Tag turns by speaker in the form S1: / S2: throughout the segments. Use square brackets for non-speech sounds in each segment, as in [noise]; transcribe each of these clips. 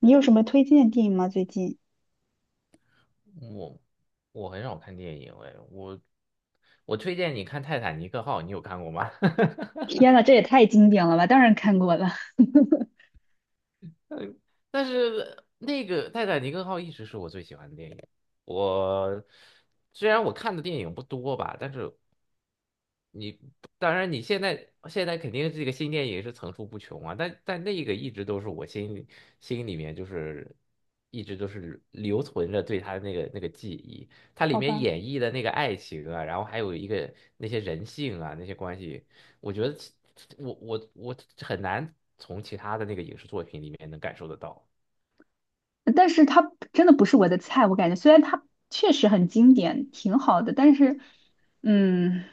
S1: 你有什么推荐的电影吗？最近？
S2: 我我很少看电影哎，我推荐你看《泰坦尼克号》，你有看过吗？[laughs]
S1: 天呐，这也太经典了吧！当然看过了，[laughs]
S2: 嗯，但是那个《泰坦尼克号》一直是我最喜欢的电影。我虽然我看的电影不多吧，但是你当然你现在肯定这个新电影是层出不穷啊，但那个一直都是我心里面就是一直都是留存着对他的那个记忆。它里
S1: 好
S2: 面
S1: 吧，
S2: 演绎的那个爱情啊，然后还有一个那些人性啊那些关系，我觉得其我很难从其他的那个影视作品里面能感受得到。
S1: 但是它真的不是我的菜。我感觉虽然它确实很经典，挺好的，但是，嗯，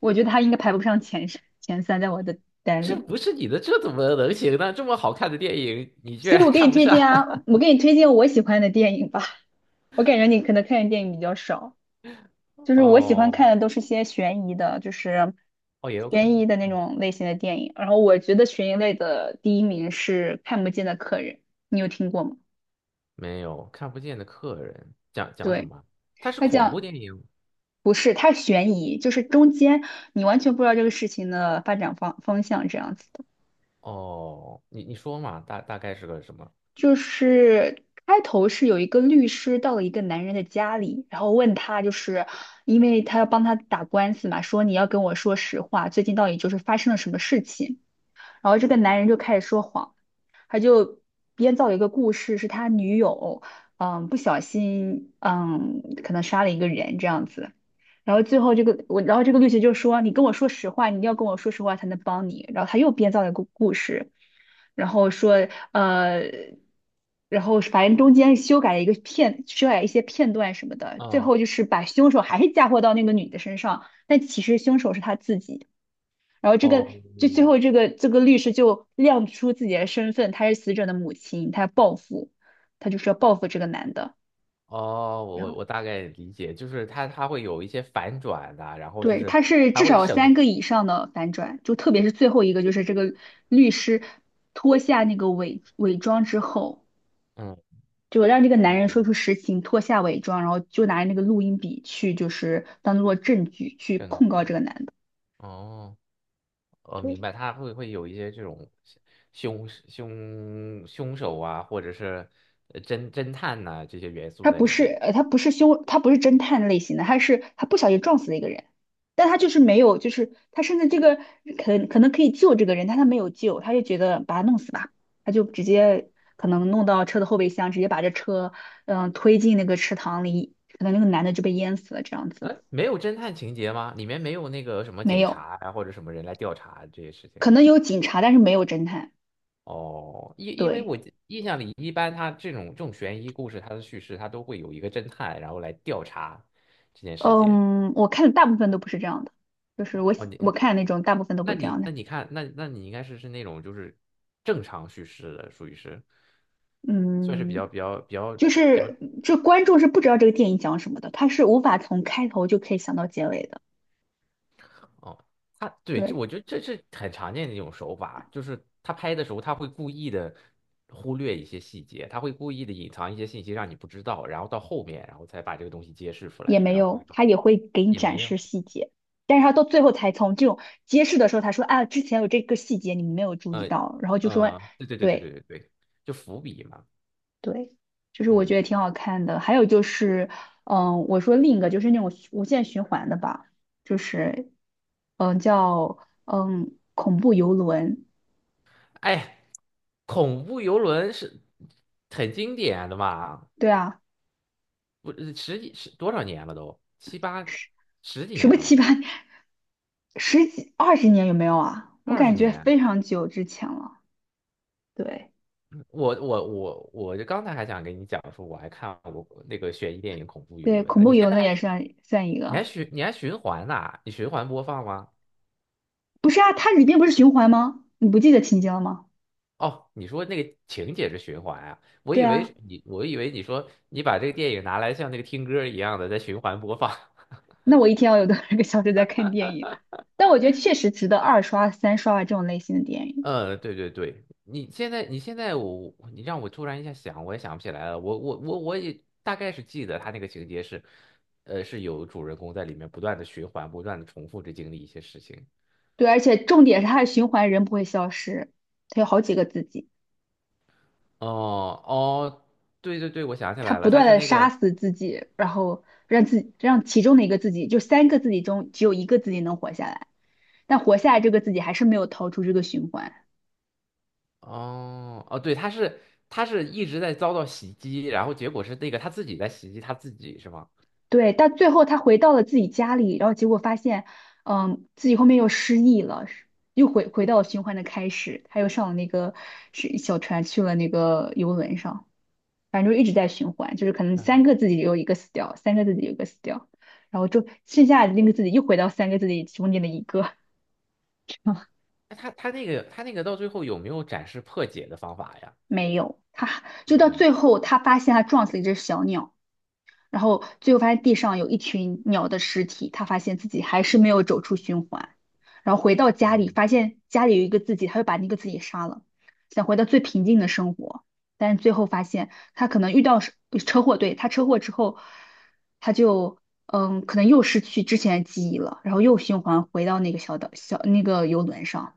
S1: 我觉得它应该排不上前十前三，在我的单
S2: 这
S1: 里。
S2: 不是你的，这怎么能行呢？这么好看的电影，你居
S1: 所以
S2: 然 [laughs]
S1: 我给
S2: 看
S1: 你
S2: 不
S1: 推
S2: 上？
S1: 荐啊，我给你推荐我喜欢的电影吧。我感觉你可能看的电影比较少。
S2: [laughs]
S1: 就是我喜欢
S2: 哦
S1: 看的都是些悬疑的，
S2: 哦，也有可
S1: 悬
S2: 能。
S1: 疑的那种类型的电影。然后我觉得悬疑类的第一名是《看不见的客人》，你有听过吗？
S2: 没有，看不见的客人，讲讲什
S1: 对，
S2: 么？它是
S1: 他
S2: 恐怖
S1: 讲
S2: 电影
S1: 不是，他悬疑，就是中间你完全不知道这个事情的发展方向这样子的。
S2: 哦。你说嘛，大概是个什么？
S1: 就是开头是有一个律师到了一个男人的家里，然后问他，就是因为他要帮他打官司嘛，说你要跟我说实话，最近到底就是发生了什么事情。然后这个男人就开始说谎。编造一个故事，是他女友，不小心，可能杀了一个人这样子。然后最后这个我，然后这个律师就说："你跟我说实话，你一定要跟我说实话才能帮你。"然后他又编造了一个故事，然后说，然后反正中间修改了一个片，修改一些片段什么的，最
S2: 嗯，
S1: 后就是把凶手还是嫁祸到那个女的身上，但其实凶手是他自己。然后这个
S2: 哦
S1: 就最后这个律师就亮出自己的身份，他是死者的母亲，她要报复，她就是要报复这个男的。
S2: 哦，我
S1: 然后
S2: 我我大概理解，就是它会有一些反转的，然后就
S1: 对，他
S2: 是
S1: 是
S2: 它
S1: 至
S2: 会
S1: 少有
S2: 省，
S1: 三个以上的反转，就特别是最后一个，就是这个律师脱下那个伪装之后，
S2: 嗯，
S1: 就让这个男人
S2: 哦，
S1: 说出实情，脱下伪装，然后就拿着那个录音笔去，就是当做证据去
S2: 证
S1: 控告
S2: 据，
S1: 这个男的。
S2: 哦。明
S1: 对，
S2: 白，他会有一些这种凶手啊，或者是侦探呐、这些元素
S1: 他
S2: 在
S1: 不
S2: 里
S1: 是
S2: 面。
S1: 他不是凶，他不是侦探类型的，他是他不小心撞死了一个人，但他就是没有，就是他甚至这个可能可以救这个人，但他没有救，他就觉得把他弄死吧，他就直接可能弄到车的后备箱，直接把这车推进那个池塘里，可能那个男的就被淹死了这样子，
S2: 嗯，没有侦探情节吗？里面没有那个什么
S1: 没
S2: 警
S1: 有，
S2: 察啊，或者什么人来调查这些事情。
S1: 可能有警察，但是没有侦探，
S2: 哦，因为
S1: 对，
S2: 印象里，一般他这种悬疑故事，它的叙事它都会有一个侦探，然后来调查这件事情。
S1: 嗯，我看的大部分都不是这样的，就是
S2: 哦
S1: 我
S2: 哦，
S1: 喜我看的那种大部分都不是这样的，
S2: 你看，那你应该是那种，就是正常叙事的，属于是算是比
S1: 嗯。
S2: 较比较比
S1: 就
S2: 较。
S1: 是这观众是不知道这个电影讲什么的，他是无法从开头就可以想到结尾的。
S2: 哦，对，这
S1: 对，
S2: 我觉得这是很常见的一种手法，就是他拍的时候，他会故意的忽略一些细节，他会故意的隐藏一些信息让你不知道，然后到后面，然后才把这个东西揭示出
S1: 也
S2: 来，
S1: 没
S2: 然后观
S1: 有，
S2: 众
S1: 他也会给你
S2: 也
S1: 展
S2: 没有，
S1: 示细节，但是他到最后才从这种揭示的时候，他说啊，之前有这个细节你们没有注意
S2: 呃
S1: 到，然后就说
S2: 对对对对对
S1: 对
S2: 对对，就伏笔嘛。
S1: 对，就是我
S2: 嗯，
S1: 觉得挺好看的。还有就是，嗯，我说另一个就是那种无限循环的吧，就是叫恐怖游轮，
S2: 哎，恐怖游轮是很经典的嘛，
S1: 对啊。
S2: 不，十几十多少年了都，七八十几
S1: 什
S2: 年
S1: 么
S2: 了
S1: 七
S2: 吧，
S1: 八年、十几二十年有没有啊？我
S2: 二十
S1: 感觉
S2: 年。
S1: 非常久之前了。对
S2: 我就刚才还想跟你讲说，我还看过那个悬疑电影《恐怖游
S1: 对，
S2: 轮》
S1: 恐
S2: 呢。
S1: 怖游乐也算一个。
S2: 你循环播放吗？
S1: 不是啊，它里边不是循环吗？你不记得情节了吗？
S2: 哦，你说那个情节是循环啊？
S1: 对啊，
S2: 我以为你说你把这个电影拿来像那个听歌一样的在循环播放。[laughs]
S1: 那我一天要有多少个小时在看电影？但我觉得确实值得二刷、三刷啊这种类型的电影。
S2: 嗯，对对对，你现在你让我突然一下想，我也想不起来了。我也大概是记得他那个情节是，是有主人公在里面不断的循环，不断的重复着经历一些事情。
S1: 对，而且重点是它的循环，人不会消失，它有好几个自己，
S2: 哦哦，对对对，我想起
S1: 它
S2: 来
S1: 不
S2: 了，他
S1: 断
S2: 是
S1: 的
S2: 那
S1: 杀
S2: 个
S1: 死自己，然后让自己让其中的一个自己，就三个自己中只有一个自己能活下来。但活下来这个自己还是没有逃出这个循环。
S2: 哦哦，对，他是一直在遭到袭击，然后结果是那个他自己在袭击他自己是吗？
S1: 对，但最后他回到了自己家里，然后结果发现，嗯，自己后面又失忆了，又回到了循环的开始。他又上了那个是小船去了那个游轮上，反正就一直在循环，就是可能三个自己有一个死掉，三个自己有一个死掉，然后就剩下的那个自己又回到三个自己中间的一个，[laughs]
S2: 那他那个到最后有没有展示破解的方法呀？
S1: 没有，他就到
S2: 嗯，
S1: 最后他发现他撞死了一只小鸟。然后最后发现地上有一群鸟的尸体，他发现自己还是没有走出循环，然后回到家里，
S2: 哦，
S1: 发现家里有一个自己，他就把那个自己杀了，想回到最平静的生活，但是最后发现他可能遇到是车祸，对，他车祸之后，他就可能又失去之前的记忆了，然后又循环回到那个小岛小那个游轮上。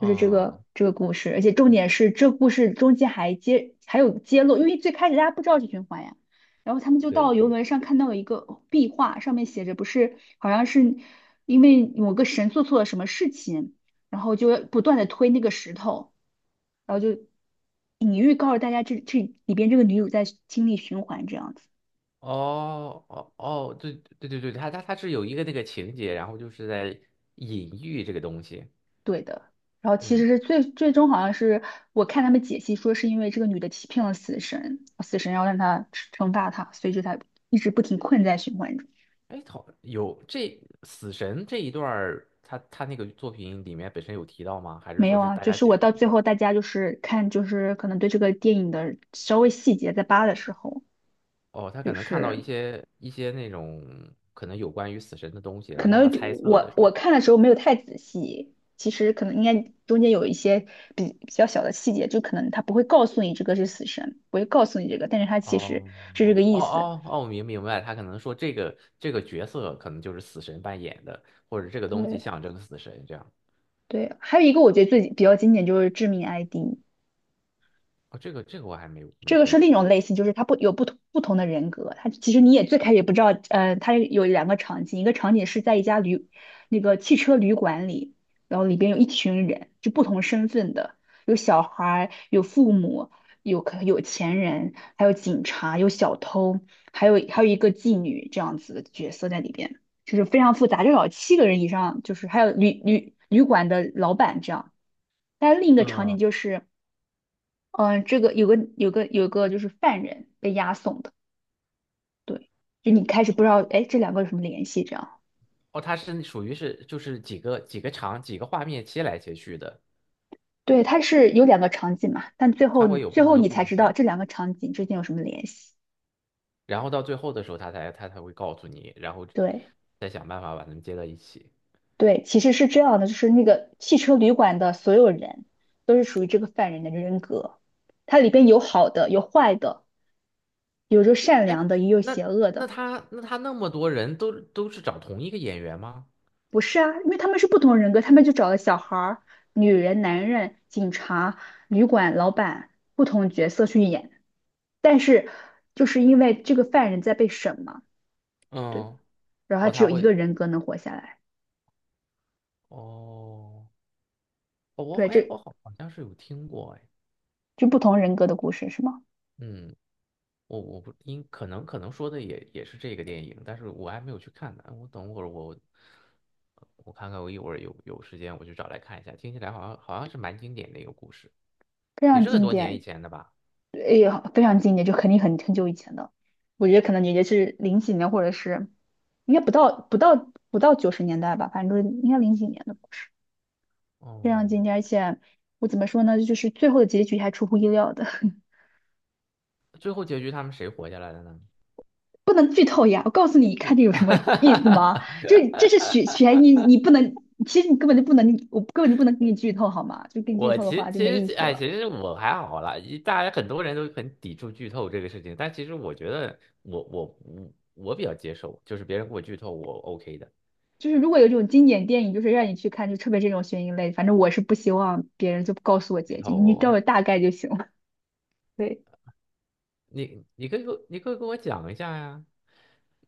S1: 就是这个这个故事，而且重点是这故事中间还有揭露，因为最开始大家不知道是循环呀，然后他们就
S2: 对
S1: 到游
S2: 对，
S1: 轮上看到了一个壁画，上面写着不是好像是因为某个神做错了什么事情，然后就不断的推那个石头，然后就隐喻告诉大家这这里边这个女主在经历循环这样子。
S2: 哦哦哦，对对对对，他是有一个那个情节，然后就是在隐喻这个东西，
S1: 对的。然后其
S2: 嗯。
S1: 实是最终好像是我看他们解析说是因为这个女的欺骗了死神，死神要让她惩罚她，所以就才一直不停困在循环中。
S2: 哎，好，有这死神这一段儿，他那个作品里面本身有提到吗？还是
S1: 没
S2: 说
S1: 有
S2: 是
S1: 啊，
S2: 大
S1: 就
S2: 家
S1: 是我
S2: 解
S1: 到
S2: 读
S1: 最
S2: 的？
S1: 后大家就是看就是可能对这个电影的稍微细节在扒的时候，
S2: 哦，他可
S1: 就
S2: 能看到
S1: 是
S2: 一些那种，可能有关于死神的东西，然
S1: 可
S2: 后大家
S1: 能
S2: 猜测的
S1: 我
S2: 是
S1: 我
S2: 吗？
S1: 看的时候没有太仔细，其实可能应该中间有一些比较小的细节，就可能他不会告诉你这个是死神，不会告诉你这个，但是他其实
S2: 哦
S1: 是这个意
S2: 哦
S1: 思。
S2: 哦哦，明白，他可能说这个角色可能就是死神扮演的，或者这个东西
S1: 对，
S2: 象征死神这样。
S1: 对，还有一个我觉得最比较经典就是《致命 ID》,
S2: 哦，这个我还没有
S1: 这
S2: 没
S1: 个
S2: 没
S1: 是
S2: 看。
S1: 另一种类型，就是它不有不同的人格，它其实你也最开始也不知道，它有两个场景，一个场景是在一家旅那个汽车旅馆里，然后里边有一群人，就不同身份的，有小孩儿，有父母，有钱人，还有警察，有小偷，还有一个妓女这样子的角色在里边，就是非常复杂，至少七个人以上，就是还有旅馆的老板这样。但另一个场
S2: 嗯，
S1: 景就是，嗯、这个有个就是犯人被押送的，对，就你开始不知道，哎，这两个有什么联系？这样，
S2: 哦，它是属于是就是几个画面切来切去的，
S1: 对，它是有两个场景嘛，但最后
S2: 它
S1: 你
S2: 会有不
S1: 最
S2: 同
S1: 后
S2: 的
S1: 你
S2: 故
S1: 才
S2: 事
S1: 知道
S2: 线。
S1: 这两个场景之间有什么联系。
S2: 然后到最后的时候，他才会告诉你，然后
S1: 对
S2: 再想办法把他们接到一起。
S1: 对，其实是这样的，就是那个汽车旅馆的所有人都是属于这个犯人的人格，它里边有好的，有坏的，有着善
S2: 哎，
S1: 良的，也有
S2: 那
S1: 邪恶
S2: 那
S1: 的。
S2: 他那么多人都是找同一个演员吗？
S1: 不是啊，因为他们是不同人格，他们就找了小孩儿、女人、男人、警察、旅馆老板不同角色去演，但是就是因为这个犯人在被审嘛，对吧
S2: 嗯，
S1: 然后他
S2: 哦，
S1: 只有一个人格能活下来，
S2: 哦，哦，
S1: 对，
S2: 哎，我
S1: 这
S2: 好像是有听过，哎，
S1: 就不同人格的故事是吗？
S2: 嗯，我不应可能说的也是这个电影，但是我还没有去看呢。哎我看看，我一会儿有时间我去找来看一下。听起来好像是蛮经典的一个故事，
S1: 非
S2: 也
S1: 常
S2: 是很
S1: 经
S2: 多年以
S1: 典，
S2: 前的吧？
S1: 哎呀，非常经典，就肯定很久以前的，我觉得可能也就是零几年或者是应该不到九十年代吧，反正就是应该零几年的。故事。非常经典，
S2: 哦。
S1: 而且我怎么说呢，就是最后的结局还出乎意料的，[laughs]
S2: 最后结局他们谁活下来的呢？
S1: 不能剧透呀！我告诉你，看这有什么意思
S2: [laughs]
S1: 吗？就是这是悬疑，你不能，其实你根本就不能，我根本就不能给你剧透好吗？就给你剧
S2: 我
S1: 透的
S2: 其
S1: 话
S2: 实
S1: 就
S2: 其
S1: 没意
S2: 实
S1: 思
S2: 哎，
S1: 了。
S2: 其实我还好啦，大家很多人都很抵触剧透这个事情，但其实我觉得我比较接受，就是别人给我剧透我 OK 的，
S1: 就是如果有这种经典电影，就是让你去看，就特别这种悬疑类，反正我是不希望别人就告诉我
S2: 剧
S1: 结局，
S2: 透
S1: 你告诉
S2: 我，
S1: 我大概就行了。[laughs] 对，
S2: 你可以给我讲一下呀。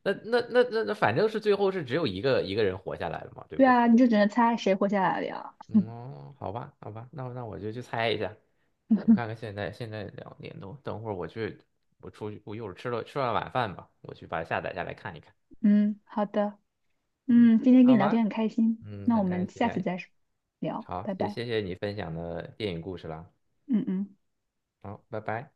S2: 那反正是最后是只有一个人活下来了嘛，对不
S1: 对
S2: 对？
S1: 啊，你就只能猜谁活下来了呀。
S2: 嗯哦，好吧，好吧，那我就去猜一下。我看
S1: [laughs]
S2: 看现在2点多，等会儿我去，我出去，我一会儿吃了晚饭吧，我去把它下载下来看一看。
S1: 嗯，好的。
S2: 嗯，
S1: 嗯，今天跟
S2: 好
S1: 你聊
S2: 吧，
S1: 天很开心，
S2: 嗯，
S1: 那我
S2: 很开
S1: 们
S2: 心
S1: 下
S2: 呀。
S1: 次再聊，拜
S2: 好，谢
S1: 拜。
S2: 谢谢你分享的电影故事啦。
S1: 嗯嗯。
S2: 好，拜拜。